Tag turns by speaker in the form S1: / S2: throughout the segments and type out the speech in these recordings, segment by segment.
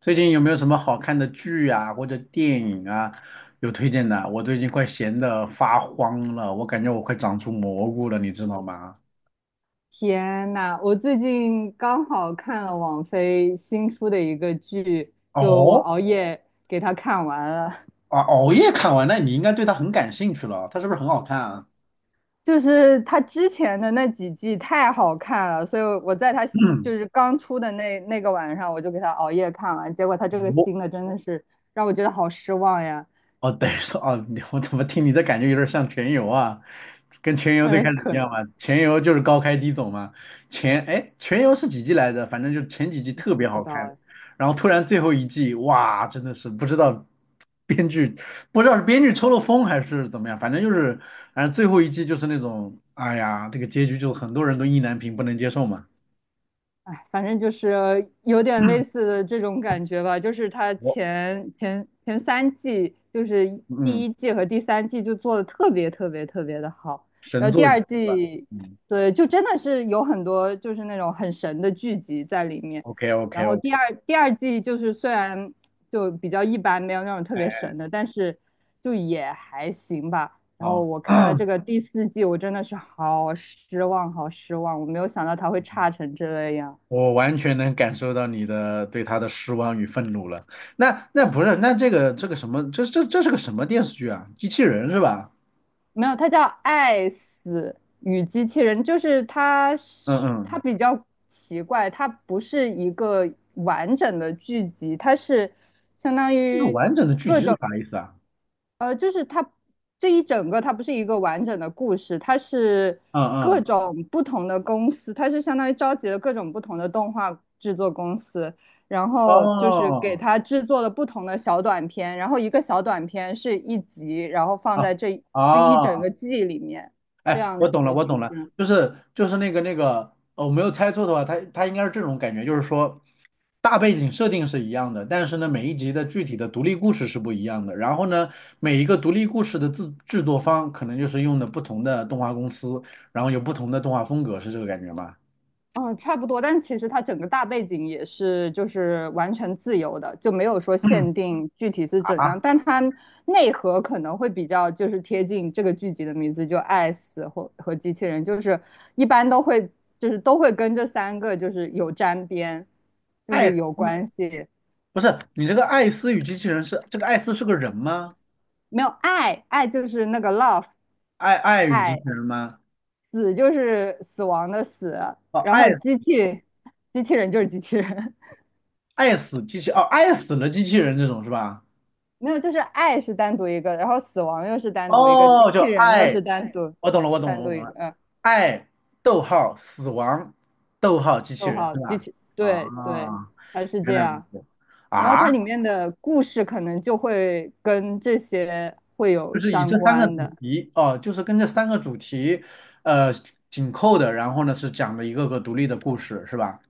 S1: 最近有没有什么好看的剧啊，或者电影啊，有推荐的？我最近快闲得发慌了，我感觉我快长出蘑菇了，你知道吗？
S2: 天呐，我最近刚好看了网飞新出的一个剧，就我
S1: 哦，
S2: 熬夜给它看完了。
S1: 啊，熬夜看完，那你应该对它很感兴趣了，它是不是很好看啊？
S2: 就是它之前的那几季太好看了，所以我在它刚出的那个晚上，我就给它熬夜看完。结果它这个
S1: 我
S2: 新的真的是让我觉得好失望呀。
S1: 哦，等于说哦，我怎么听你这感觉有点像全游啊？跟全游最
S2: 哎，
S1: 开始一
S2: 可
S1: 样嘛，
S2: 能
S1: 全游就是高开低走嘛。哎，全游是几季来着？反正就前几季特
S2: 不
S1: 别
S2: 知
S1: 好
S2: 道
S1: 看，
S2: 哎。
S1: 然后突然最后一季，哇，真的是不知道编剧不知道是编剧抽了风还是怎么样，反正最后一季就是那种，哎呀，这个结局就很多人都意难平，不能接受嘛。
S2: 哎，反正就是有点类似的这种感觉吧，就是它
S1: 我
S2: 前三季，就是
S1: 嗯，
S2: 第一季和第三季就做的特别的好，然
S1: 神
S2: 后第
S1: 作一
S2: 二
S1: 部吧。
S2: 季，
S1: 嗯
S2: 对，就真的是有很多就是那种很神的剧集在里面，
S1: ，OK OK
S2: 然后
S1: OK，
S2: 第二季就是虽然就比较一般，没有那种特别
S1: 哎
S2: 神的，但是就也还行吧。然后
S1: 好。
S2: 我看了这 个第四季，我真的是好失望，好失望，我没有想到它会差成这样。
S1: 我完全能感受到你的对他的失望与愤怒了。那不是，那这个什么，这是个什么电视剧啊？机器人是吧？
S2: 没有，它叫《爱死与机器人》，就是它
S1: 嗯
S2: 是它
S1: 嗯，
S2: 比较奇怪，它不是一个完整的剧集，它是相当
S1: 这个
S2: 于。
S1: 完整的剧集是啥意思啊？
S2: 就是它这一整个，它不是一个完整的故事，它是
S1: 嗯
S2: 各
S1: 嗯，
S2: 种不同的公司，它是相当于召集了各种不同的动画制作公司，然后就是给
S1: 哦
S2: 它制作了不同的小短片，然后一个小短片是一集，然后放
S1: 啊
S2: 在这就一整
S1: 哦，
S2: 个季里面，这
S1: 哎，
S2: 样
S1: 我
S2: 子
S1: 懂了，
S2: 的
S1: 我懂
S2: 形
S1: 了，
S2: 式。
S1: 就是那个，我没有猜错的话，它应该是这种感觉，就是说大背景设定是一样的，但是呢，每一集的具体的独立故事是不一样的。然后呢，每一个独立故事的制作方可能就是用的不同的动画公司，然后有不同的动画风格，是这个感觉吗？
S2: 嗯，差不多，但其实它整个大背景也是就是完全自由的，就没有说 限定具体是怎
S1: 啊，
S2: 样，但它内核可能会比较就是贴近这个剧集的名字，就爱死或和机器人，就是一般都会就是都会跟这三个就是有沾边，就
S1: 艾
S2: 是
S1: 斯
S2: 有关系，
S1: 不是你这个艾斯与机器人是这个艾斯是个人吗？
S2: 没有爱，爱就是那个 love，
S1: 爱与机器
S2: 爱，
S1: 人吗？
S2: 死就是死亡的死，
S1: 哦，
S2: 然
S1: 爱
S2: 后机器人就是机器人。
S1: 爱死机器哦，爱死了机器人这种是吧？
S2: 没有，就是爱是单独一个，然后死亡又是单独一个，机
S1: 哦，叫
S2: 器人又
S1: 爱。
S2: 是单独
S1: 我懂了，我懂了，
S2: 单
S1: 我
S2: 独
S1: 懂
S2: 一个，
S1: 了。
S2: 嗯，
S1: 爱，逗号，死亡，逗号，机器
S2: 逗
S1: 人
S2: 号
S1: 是
S2: 机
S1: 吧？
S2: 器，
S1: 啊，
S2: 对对，它是
S1: 原
S2: 这
S1: 来如
S2: 样。
S1: 此
S2: 然后
S1: 啊，
S2: 它里面的故事可能就会跟这些会有
S1: 就是以
S2: 相
S1: 这三个主
S2: 关的。
S1: 题哦，就是跟这三个主题呃紧扣的，然后呢是讲了一个个独立的故事是吧？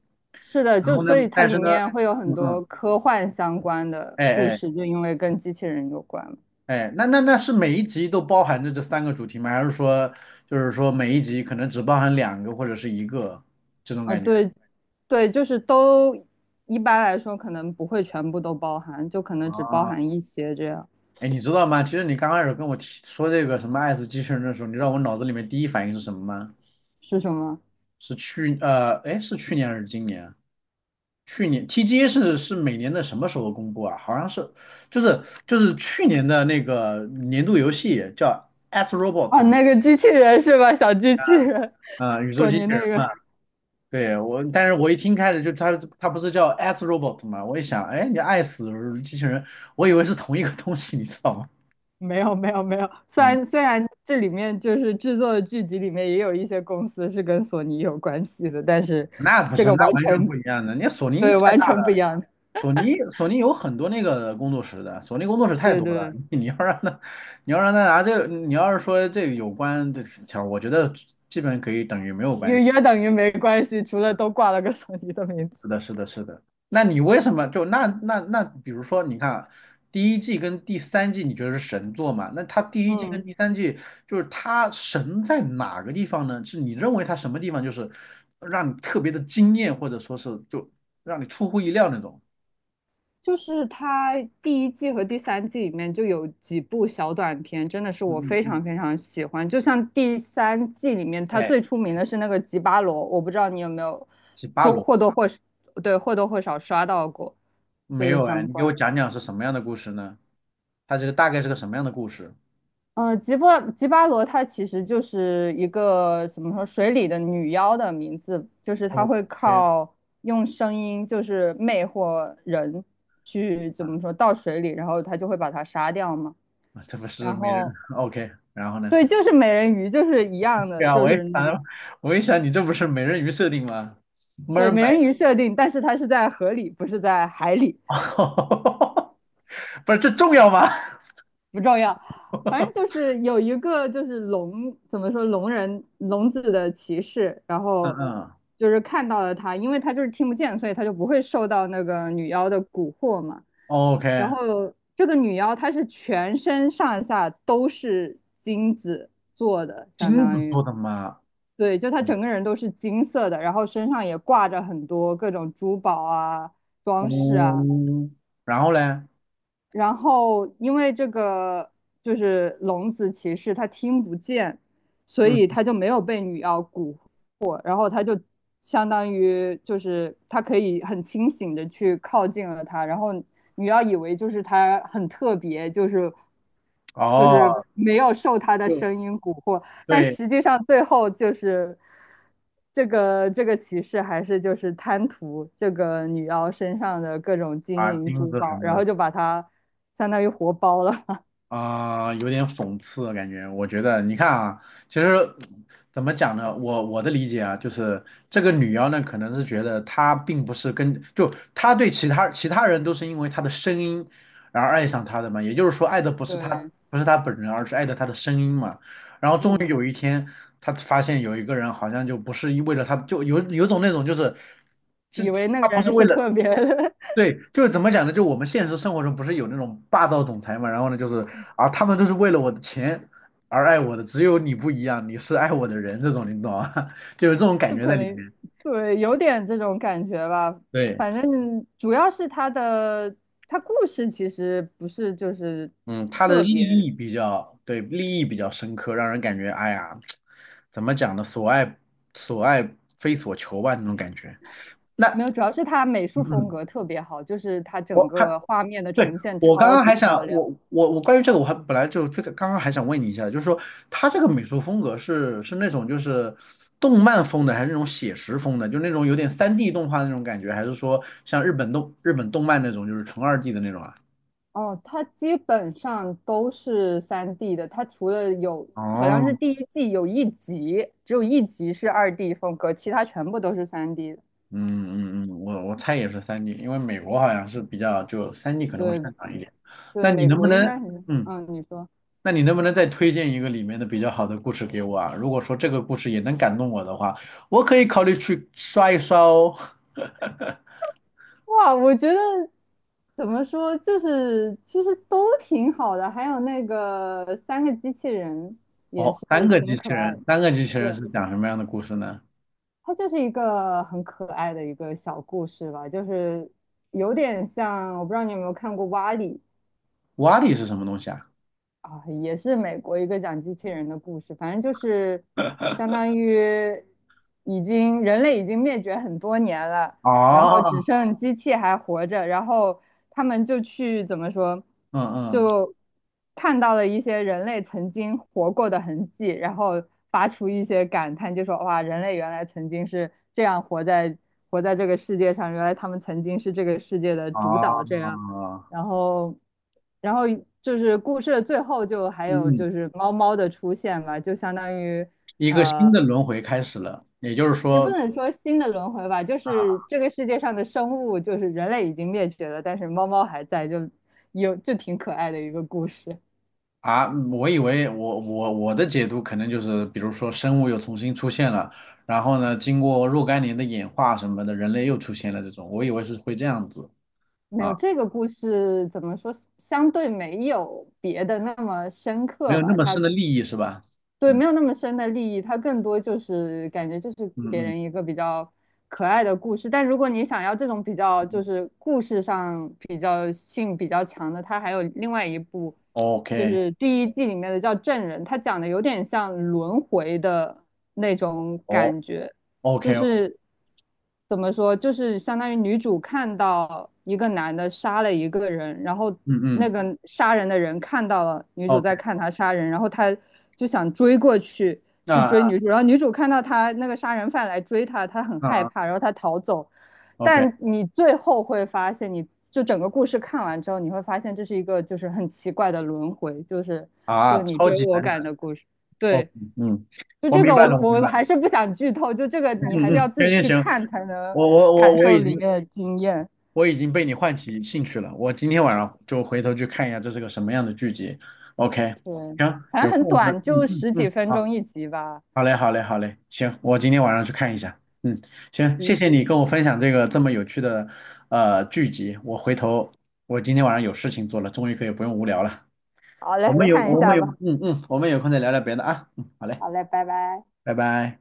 S2: 是的，
S1: 然
S2: 就
S1: 后呢，
S2: 所以它
S1: 但
S2: 里
S1: 是呢，
S2: 面会有
S1: 嗯
S2: 很多
S1: 嗯，
S2: 科幻相关的
S1: 哎
S2: 故
S1: 哎
S2: 事，就因为跟机器人有关嘛。
S1: 哎，那是每一集都包含着这三个主题吗？还是说就是说每一集可能只包含两个或者是一个这种
S2: 啊，
S1: 感觉？
S2: 对，对，就是都一般来说可能不会全部都包含，就可能只包
S1: 啊？
S2: 含一些这样。
S1: 哎，你知道吗？其实你刚开始跟我提说这个什么爱死机器人的时候，你知道我脑子里面第一反应是什么吗？
S2: 是什么？
S1: 是哎，是去年还是今年啊？去年 TGA 是每年的什么时候公布啊？好像是就是去年的那个年度游戏叫《As
S2: 啊，
S1: Robot》
S2: 那个机器人是吧？小机器人，
S1: 啊、宇宙
S2: 索
S1: 机器
S2: 尼那
S1: 人
S2: 个
S1: 嘛。对我，但是我一听开始就它不是叫 As Robot 嘛？我一想，哎，你爱死机器人，我以为是同一个东西，你知道吗？
S2: 没有没有没有。虽
S1: 嗯，
S2: 然这里面就是制作的剧集里面也有一些公司是跟索尼有关系的，但是
S1: 那不
S2: 这
S1: 是，
S2: 个
S1: 那
S2: 完
S1: 完全不
S2: 全
S1: 一样的。你索尼
S2: 对
S1: 太
S2: 完
S1: 大
S2: 全不一
S1: 了。
S2: 样。
S1: 索尼有很多那个工作室的，索尼工作室太
S2: 对
S1: 多了。
S2: 对，
S1: 你要让他拿这个，你要是说这个有关这条，我觉得基本可以等于没有关
S2: 也
S1: 系。
S2: 也等于没关系，除了都挂了个索尼的名字。
S1: 是的，是的，是的。那你为什么就那，比如说你看啊第一季跟第三季，你觉得是神作嘛？那他第一季
S2: 嗯。
S1: 跟第三季就是他神在哪个地方呢？是你认为他什么地方就是让你特别的惊艳，或者说是就让你出乎意料那种？
S2: 就是它第一季和第三季里面就有几部小短片，真的是我
S1: 嗯嗯
S2: 非常
S1: 嗯，
S2: 非常喜欢。就像第三季里面，它
S1: 哎，
S2: 最出名的是那个吉巴罗，我不知道你有没有
S1: 是巴
S2: 多
S1: 罗。
S2: 或多或少对或多或少刷到过这
S1: 没
S2: 个
S1: 有哎，
S2: 相
S1: 你给我
S2: 关。
S1: 讲讲是什么样的故事呢？它这个大概是个什么样的故事
S2: 吉巴罗它其实就是一个怎么说水里的女妖的名字，就是它
S1: ？OK
S2: 会靠用声音就是魅惑人去怎
S1: 啊，
S2: 么说到水里，然后他就会把它杀掉嘛。
S1: 这不是
S2: 然
S1: 美人
S2: 后
S1: OK，然后呢？
S2: 对，就是美人鱼，就是一样
S1: 对
S2: 的，
S1: 啊，
S2: 就是那种
S1: 我一想你这不是美人鱼设定吗
S2: 对美
S1: ？Mermaid，
S2: 人鱼设定，但是它是在河里，不是在海里，
S1: 不是这重要吗？
S2: 不重要。反正就 是有一个就是聋，怎么说聋人聋子的骑士，然
S1: 嗯
S2: 后
S1: 嗯
S2: 就是看到了他，因为他就是听不见，所以他就不会受到那个女妖的蛊惑嘛。然
S1: ，OK，
S2: 后这个女妖她是全身上下都是金子做的，相
S1: 金
S2: 当
S1: 子
S2: 于。
S1: 做的吗？
S2: 对，就他整个
S1: 哦，
S2: 人都是金色的，然后身上也挂着很多各种珠宝啊、装饰啊，
S1: 嗯，然后嘞，
S2: 然后因为这个就是聋子骑士，他听不见，所
S1: 嗯，
S2: 以他就没有被女妖蛊惑，然后他就相当于就是他可以很清醒的去靠近了她，然后女妖以为就是他很特别，就是
S1: 哦，
S2: 没有受他的
S1: 就
S2: 声音蛊惑，但
S1: 对
S2: 实际上最后就是这个骑士还是就是贪图这个女妖身上的各种金
S1: 啊，
S2: 银
S1: 金
S2: 珠
S1: 子什
S2: 宝，
S1: 么
S2: 然
S1: 的，
S2: 后就把她相当于活包了。
S1: 啊、有点讽刺的感觉。我觉得，你看啊，其实怎么讲呢？我的理解啊，就是这个女妖呢，可能是觉得她并不是跟，就她对其他人都是因为她的声音然后爱上她的嘛，也就是说爱的
S2: 对，
S1: 不是她本人，而是爱的她的声音嘛。然后终于
S2: 嗯，
S1: 有一天，她发现有一个人好像就不是为了她，有种那种就是，这
S2: 以为那
S1: 她
S2: 个
S1: 不是
S2: 人
S1: 为
S2: 是
S1: 了。
S2: 特别，的，
S1: 对，就是怎么讲呢？就我们现实生活中不是有那种霸道总裁嘛，然后呢，就是啊，他们都是为了我的钱而爱我的，只有你不一样，你是爱我的人，这种你懂吗？就有这种 感
S2: 就
S1: 觉
S2: 可
S1: 在里
S2: 能
S1: 面。
S2: 对，有点这种感觉吧。
S1: 对，
S2: 反正主要是他的他故事其实不是就是
S1: 嗯，他的
S2: 特
S1: 利
S2: 别
S1: 益比较，对，利益比较深刻，让人感觉，哎呀，怎么讲呢？所爱非所求吧，那种感觉。
S2: 没
S1: 那，
S2: 有，主要是他美
S1: 嗯
S2: 术风
S1: 嗯，
S2: 格特别好，就是他整
S1: 我还
S2: 个画面的
S1: 对，
S2: 呈现
S1: 我刚
S2: 超
S1: 刚
S2: 级
S1: 还
S2: 漂
S1: 想，
S2: 亮。
S1: 我关于这个，我还本来就这个刚刚还想问你一下，就是说他这个美术风格是那种就是动漫风的，还是那种写实风的，就那种有点三 d 动画那种感觉，还是说像日本动漫那种就是纯2D 的那种啊？
S2: 哦，它基本上都是三 d 的，它除了有好像是
S1: 哦，
S2: 第一季有一集，只有一集是2D 风格，其他全部都是三 d
S1: 嗯嗯嗯，我猜也是三 d 因为美国好像是比较就三 d 可能会
S2: 对
S1: 擅长一点。
S2: 对，
S1: 那你
S2: 美
S1: 能不
S2: 国应
S1: 能，
S2: 该很，
S1: 嗯，
S2: 嗯，你说，
S1: 那你能不能再推荐一个里面的比较好的故事给我啊？如果说这个故事也能感动我的话，我可以考虑去刷一刷哦。
S2: 哇，我觉得怎么说，就是其实都挺好的，还有那个三个机器人
S1: 哦，三
S2: 是
S1: 个机
S2: 挺
S1: 器
S2: 可爱
S1: 人，
S2: 的，
S1: 三个机器人
S2: 对，
S1: 是讲什么样的故事呢？
S2: 它就是一个很可爱的一个小故事吧，就是有点像，我不知道你有没有看过《瓦力》，
S1: 瓦力是什么东西啊？
S2: 啊，也是美国一个讲机器人的故事，反正就是相当于已经人类已经灭绝很多年了，然后只
S1: 哦，
S2: 剩机器还活着，然后他们就去怎么说，
S1: 嗯嗯，
S2: 就看到了一些人类曾经活过的痕迹，然后发出一些感叹，就说哇，人类原来曾经是这样活在这个世界上，原来他们曾经是这个世界的主导，这样。
S1: 哦，
S2: 然后，然后就是故事的最后就还
S1: 嗯
S2: 有
S1: 嗯，
S2: 就是猫猫的出现吧，就相当于
S1: 一个新
S2: 呃，
S1: 的轮回开始了，也就是
S2: 也不
S1: 说。
S2: 能说新的轮回吧，就
S1: 啊
S2: 是这个世界上的生物，就是人类已经灭绝了，但是猫猫还在，就有就挺可爱的一个故事。
S1: 啊，我以为我的解读可能就是，比如说生物又重新出现了，然后呢，经过若干年的演化什么的，人类又出现了这种，我以为是会这样子。
S2: 没有
S1: 啊，
S2: 这个故事怎么说，相对没有别的那么深
S1: 没
S2: 刻
S1: 有那
S2: 吧，
S1: 么深
S2: 它
S1: 的利益是吧？
S2: 对，
S1: 嗯
S2: 没有那么深的利益，它更多就是感觉就是
S1: 嗯
S2: 给
S1: 嗯
S2: 人一个比较可爱的故事。但如果你想要这种比较
S1: 嗯
S2: 就
S1: 嗯
S2: 是故事上比较性比较强的，它还有另外一部，就
S1: ，OK，
S2: 是第一季里面的叫《证人》，它讲的有点像轮回的那种
S1: 哦
S2: 感觉。
S1: ，OK，哦
S2: 就是怎么说，就是相当于女主看到一个男的杀了一个人，然后
S1: 嗯
S2: 那
S1: 嗯
S2: 个杀人的人看到了女主
S1: ，OK，
S2: 在看他杀人，然后他就想追过去
S1: 那
S2: 去追
S1: 啊
S2: 女主，然后女主看到他那个杀人犯来追她，她很
S1: 啊
S2: 害
S1: 啊
S2: 怕，然后她逃走。
S1: ，OK，
S2: 但你最后会发现，你就整个故事看完之后，你会发现这是一个就是很奇怪的轮回，就是这
S1: 啊，
S2: 个你
S1: 超
S2: 追
S1: 级
S2: 我
S1: 反
S2: 赶
S1: 转，
S2: 的故事。
S1: OK
S2: 对，
S1: 嗯，
S2: 就
S1: 我
S2: 这
S1: 明
S2: 个
S1: 白了，我明
S2: 我
S1: 白了，
S2: 还是不想剧透，就这个你
S1: 嗯
S2: 还
S1: 嗯，
S2: 是要
S1: 嗯
S2: 自
S1: 行
S2: 己
S1: 行
S2: 去
S1: 行，
S2: 看才能
S1: 我我我
S2: 感
S1: 我
S2: 受
S1: 已
S2: 里面
S1: 经
S2: 的经验。
S1: 我已经被你唤起兴趣了，我今天晚上就回头去看一下这是个什么样的剧集，OK，
S2: 对，
S1: 行，
S2: 反正
S1: 有
S2: 很
S1: 空我们
S2: 短，
S1: 嗯
S2: 就
S1: 嗯
S2: 十几
S1: 嗯，
S2: 分
S1: 好。
S2: 钟一集吧。
S1: 好嘞，好嘞，好嘞，行，我今天晚上去看一下。嗯，行，谢
S2: 集，
S1: 谢你跟我分享这个这么有趣的剧集，我回头我今天晚上有事情做了，终于可以不用无聊了。
S2: 好嘞，看一
S1: 我们
S2: 下
S1: 有
S2: 吧。
S1: 嗯嗯，我们有空再聊聊别的啊。嗯，好嘞，
S2: 好嘞，拜拜。
S1: 拜拜。